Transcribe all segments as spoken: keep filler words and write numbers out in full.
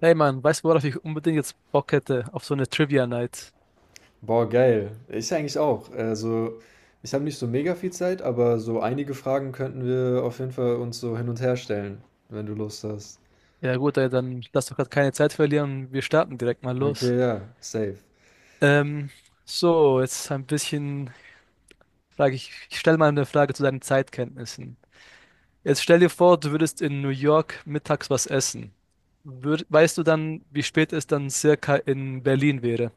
Hey Mann, weißt du, worauf ich unbedingt jetzt Bock hätte? Auf so eine Trivia Night. Boah, geil. Ich eigentlich auch. Also, ich habe nicht so mega viel Zeit, aber so einige Fragen könnten wir auf jeden Fall uns so hin und her stellen, wenn du Lust hast. Ja gut, ey, dann lass doch gerade keine Zeit verlieren. Wir starten direkt mal Okay, los. ja, safe. Ähm, so, jetzt ein bisschen frage ich, ich stelle mal eine Frage zu deinen Zeitkenntnissen. Jetzt stell dir vor, du würdest in New York mittags was essen. Würd, weißt du dann, wie spät es dann circa in Berlin wäre?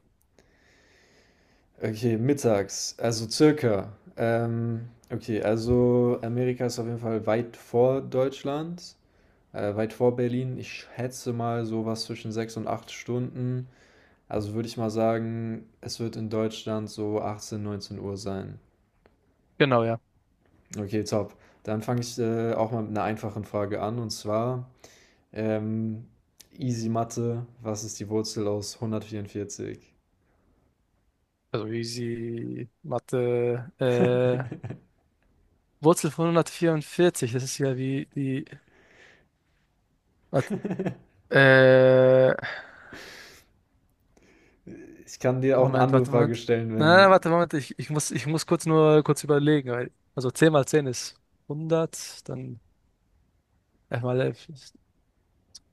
Okay, mittags, also circa. Ähm, okay, also Amerika ist auf jeden Fall weit vor Deutschland, äh, weit vor Berlin. Ich schätze mal sowas zwischen sechs und acht Stunden. Also würde ich mal sagen, es wird in Deutschland so achtzehn neunzehn Uhr sein. Genau, ja. Okay, top. Dann fange ich äh, auch mal mit einer einfachen Frage an und zwar ähm, Easy Mathe, was ist die Wurzel aus hundertvierundvierzig? Also easy Mathe. Äh, Wurzel von hundertvierundvierzig, das ist ja wie die. Warte, äh, Ich kann dir auch eine Moment, andere warte, Frage Moment. stellen, Na, wenn... warte, Moment. Ich, ich muss, ich muss kurz nur kurz überlegen. Weil, also zehn mal zehn ist hundert, dann elf mal elf ist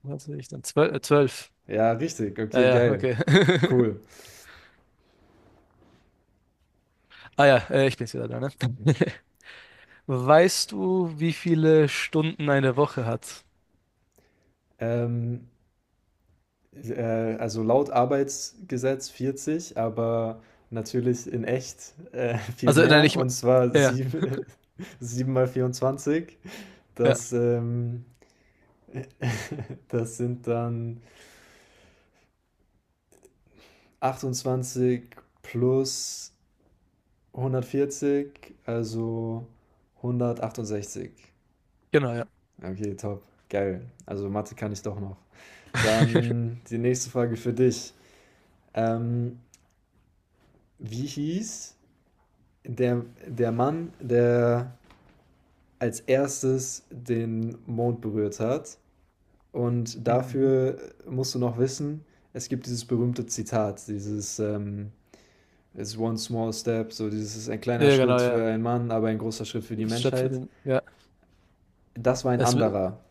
zwanzig, dann zwölf, Äh, zwölf. Ja, richtig, Ja, okay, ja, geil, okay. cool. Ah ja, äh, ich bin's wieder da, ne? Weißt du, wie viele Stunden eine Woche hat? Ähm, äh, also laut Arbeitsgesetz vierzig, aber natürlich in echt äh, viel Also, nein, mehr ich. me- und zwar Ja, sieben, sieben mal vierundzwanzig. ja, Das, ähm, das sind dann... achtundzwanzig plus hundertvierzig, also hundertachtundsechzig. genau, ja. Okay, top. Geil. Also Mathe kann ich doch noch. Dann die nächste Frage für dich. Ähm, wie hieß der, der Mann, der als erstes den Mond berührt hat? Und Mhm. dafür musst du noch wissen, es gibt dieses berühmte Zitat, dieses ähm, It's one small step, so dieses ist ein Ja, kleiner ja, genau, Schritt für ja. einen Mann, aber ein großer Schritt für die Das steht für Menschheit. den. Ja. Das war ein Es, w- anderer.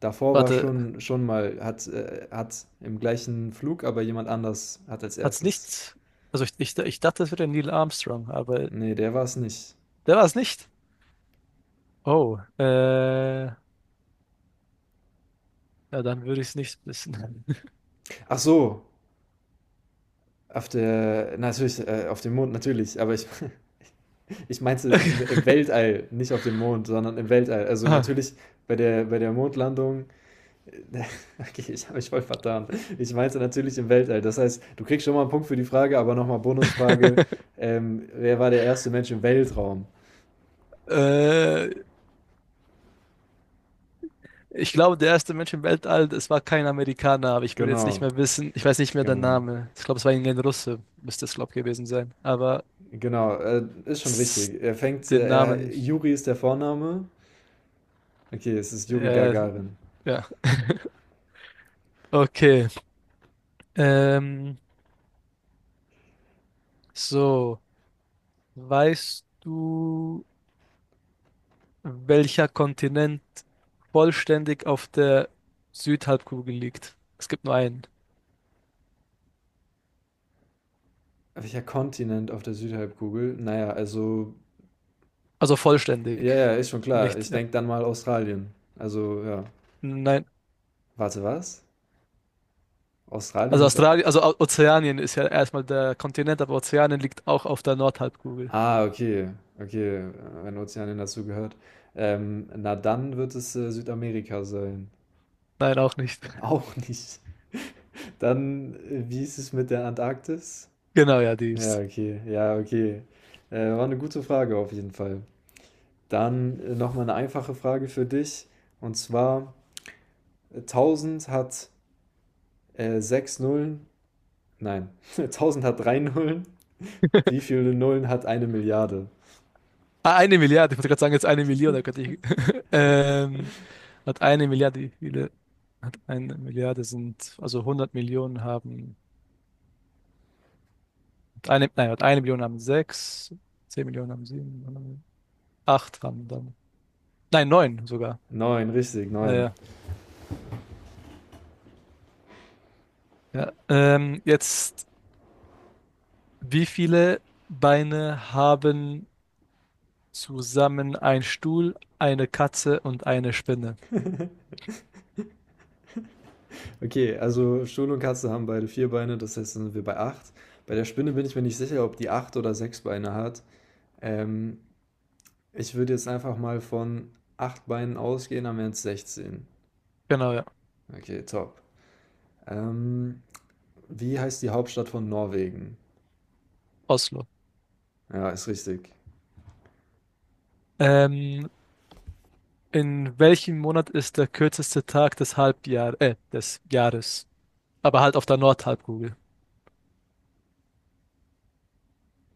Davor war warte, schon, schon mal, hat, äh, hat im gleichen Flug, aber jemand anders hat als hat's erstes. nicht. Also, ich, ich, ich dachte, es wäre Neil Armstrong, aber Nee, der war es nicht. der war es nicht. Oh, äh, ja, dann würde ich es nicht wissen. Ach so, auf der, natürlich, äh, auf dem Mond, natürlich, aber ich, ich meinte im, im Weltall, nicht auf dem Mond, sondern im Weltall. Also Ah. natürlich bei der, bei der Mondlandung. Okay, ich habe mich voll vertan. Ich meinte natürlich im Weltall. Das heißt, du kriegst schon mal einen Punkt für die Frage, aber nochmal Bonusfrage. Ähm, wer war der erste Mensch im Weltraum? Äh, Ich glaube, der erste Mensch im Weltall, es war kein Amerikaner, aber ich würde jetzt nicht Genau, mehr wissen, ich weiß nicht mehr den genau, Namen. Ich glaube, es war irgendein Russe, müsste es, glaube ich, gewesen sein. Aber genau. Äh, ist schon s- richtig. Er fängt, äh, den Namen, er, Juri ist der Vorname. Okay, es ist Juri äh, Gagarin. ja. Okay. Ähm, so, weißt du, welcher Kontinent vollständig auf der Südhalbkugel liegt? Es gibt nur einen. Welcher Kontinent auf der Südhalbkugel? Naja, also, Also ja, vollständig. ja, ist schon klar. Nicht, Ich ja. denke dann mal Australien. Also, ja. Nein. Warte, was? Australien Also ist au- Australien, also O- Ozeanien ist ja erstmal der Kontinent, aber Ozeanien liegt auch auf der Nordhalbkugel. Ah, okay, okay, äh, wenn Ozeanien dazu gehört. Ähm, na dann wird es äh, Südamerika sein. Nein, auch nicht. Auch nicht. Dann, äh, wie ist es mit der Antarktis? Genau, ja, die Ja, ist. okay, ja, okay. Äh, war eine gute Frage auf jeden Fall. Dann äh, nochmal eine einfache Frage für dich. Und zwar, äh, tausend hat äh, sechs Nullen. Nein, tausend hat drei Nullen. Wie viele Nullen hat eine Milliarde? Ah, eine Milliarde, ich wollte gerade sagen, jetzt eine Million, da könnte ich. Ähm, Hat eine Milliarde, wie viele? Hat eine Milliarde sind, also 100 Millionen haben, hat eine, nein, hat eine Million haben sechs, zehn Millionen haben sieben, acht haben dann. Nein, neun sogar. Neun, richtig, Ja, neun. ja, ja. Ähm, jetzt, wie viele Beine haben zusammen ein Stuhl, eine Katze und eine Spinne? Okay, also Stuhl und Katze haben beide vier Beine, das heißt, dann sind wir bei acht. Bei der Spinne bin ich mir nicht sicher, ob die acht oder sechs Beine hat. Ähm, ich würde jetzt einfach mal von acht Beinen ausgehen, dann wären es sechzehn. Genau, ja. Okay, top. Ähm, wie heißt die Hauptstadt von Norwegen? Oslo. Ja, ist richtig. Ähm, in welchem Monat ist der kürzeste Tag des Halbjahr, äh, des Jahres? Aber halt auf der Nordhalbkugel.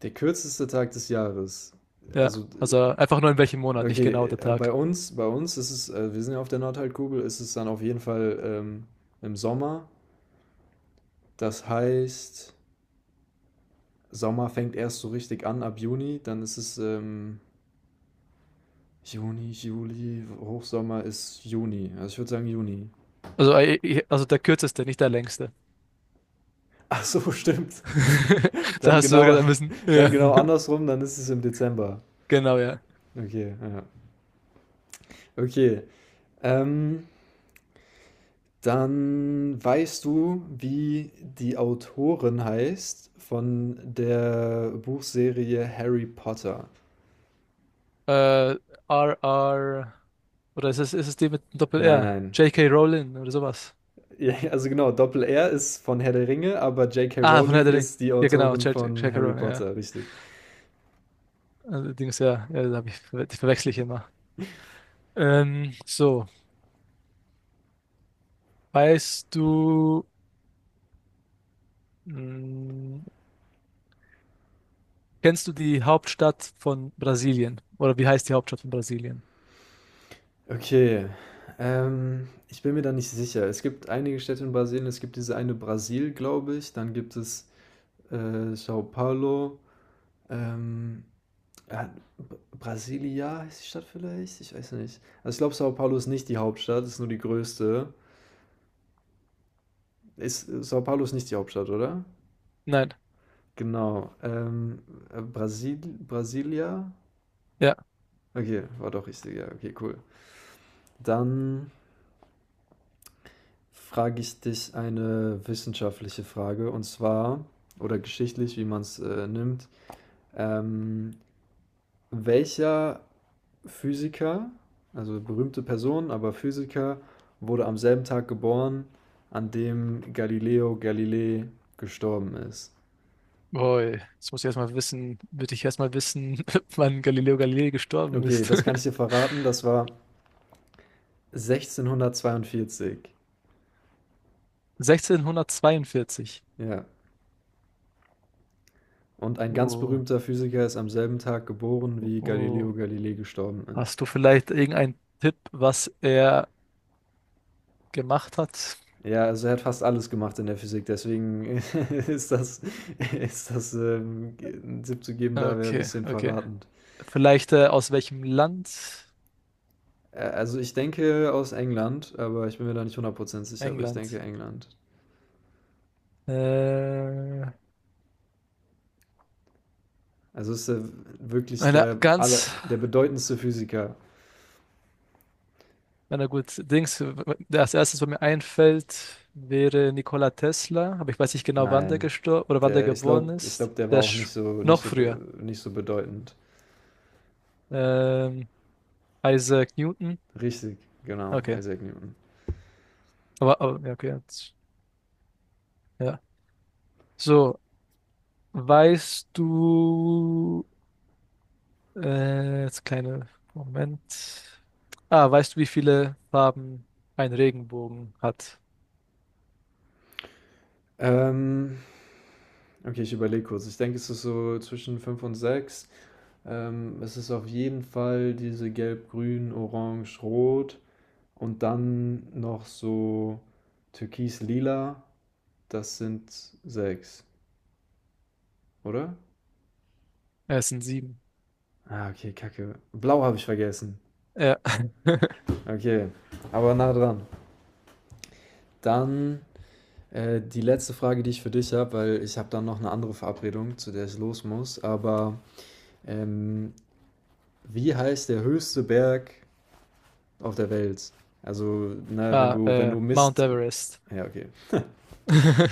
Der kürzeste Tag des Jahres. Ja, Also, also einfach nur in welchem äh, Monat, nicht okay, genau der äh, bei Tag. uns, bei uns ist es, äh, wir sind ja auf der Nordhalbkugel, ist es dann auf jeden Fall ähm, im Sommer. Das heißt, Sommer fängt erst so richtig an ab Juni, dann ist es ähm, Juni, Juli, Hochsommer ist Juni. Also ich würde sagen Juni. Also, äh, also der kürzeste, nicht der längste. Ach so, stimmt. Da Dann hast du genau, sogar ein bisschen. Ja, dann genau andersrum, dann ist es im Dezember. genau, ja. Okay, ja. Okay. Ähm, dann weißt du, wie die Autorin heißt von der Buchserie Harry Potter? Äh, R R. Oder ist es, ist es die mit dem Nein, Doppel-R? nein. J K Rowling oder sowas. Ja, also genau, Doppel-R ist von Herr der Ringe, aber J K. Ah, von Herr Rowling der Ring. ist die Ja, genau, Autorin J- von K Harry Rowling, ja. Potter, richtig. Allerdings ja, ja, da hab ich, ver- die verwechsel ich immer. Ähm, so, weißt du, mh, kennst du die Hauptstadt von Brasilien? Oder wie heißt die Hauptstadt von Brasilien? Okay, ähm, ich bin mir da nicht sicher. Es gibt einige Städte in Brasilien, es gibt diese eine Brasil, glaube ich, dann gibt es äh, São Paulo, ähm, äh, B- Brasilia heißt die Stadt vielleicht? Ich weiß nicht. Also ich glaube, São Paulo ist nicht die Hauptstadt, ist nur die größte. Ist, São Paulo ist nicht die Hauptstadt, oder? Nein. Genau. Ähm, äh, Brasil, Brasilia? Ja. Okay, war doch richtig, ja, okay, cool. Dann frage ich dich eine wissenschaftliche Frage und zwar, oder geschichtlich, wie man es äh, nimmt. Ähm, welcher Physiker, also berühmte Person, aber Physiker, wurde am selben Tag geboren, an dem Galileo Galilei gestorben ist? Boy, jetzt muss ich erstmal wissen, würde ich erstmal wissen, wann Galileo Galilei gestorben Okay, ist. das kann ich dir verraten, das war sechzehnhundertzweiundvierzig. sechzehnhundertzweiundvierzig. Ja, und ein ganz Oh, berühmter Physiker ist am selben Tag geboren, wie oh. Galileo Galilei gestorben ist. Hast du vielleicht irgendeinen Tipp, was er gemacht hat. Ja, also er hat fast alles gemacht in der Physik, deswegen ist das, ist das ähm, einen Tipp zu geben, da wäre ein Okay, bisschen okay. verratend. Vielleicht äh, aus welchem Land? Äh, also ich denke aus England, aber ich bin mir da nicht hundert Prozent sicher, aber ich England. denke England. Äh, Also ist er wirklich eine der, ganz, aller, der bedeutendste Physiker? na gut, Dings, der als erstes, was mir einfällt, wäre Nikola Tesla, aber ich weiß nicht genau, wann der Nein. gestorben oder wann der Der, ich geboren glaube, ich ist. glaub, der war Der auch nicht ist so, nicht noch so, früher. be- nicht so bedeutend. Ähm, Isaac Newton. Richtig, genau, Okay. Isaac Newton. Aber, aber ja, okay. jetzt- Ja. So, weißt du, Äh, jetzt kleine Moment. Ah, weißt du, wie viele Farben ein Regenbogen hat? Ähm, Okay, ich überlege kurz. Ich denke, es ist so zwischen fünf und sechs. Ähm, es ist auf jeden Fall diese Gelb, Grün, Orange, Rot und dann noch so Türkis, Lila. Das sind sechs, oder? Äh, Es sind sieben. Ah, okay, Kacke. Blau habe ich vergessen. Ja. Okay, aber nah dran. Dann äh, die letzte Frage, die ich für dich habe, weil ich habe dann noch eine andere Verabredung, zu der ich los muss. Aber ähm, wie heißt der höchste Berg auf der Welt? Also, na, wenn Ah, du, wenn äh, du Mount Mist. Everest. Ja, okay.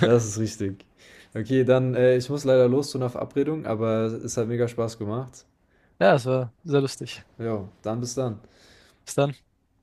Das ist richtig. Okay, dann, äh, ich muss leider los zu einer Verabredung, aber es hat mega Spaß gemacht. Ja, es war sehr lustig. Ja, dann bis dann. Bis dann.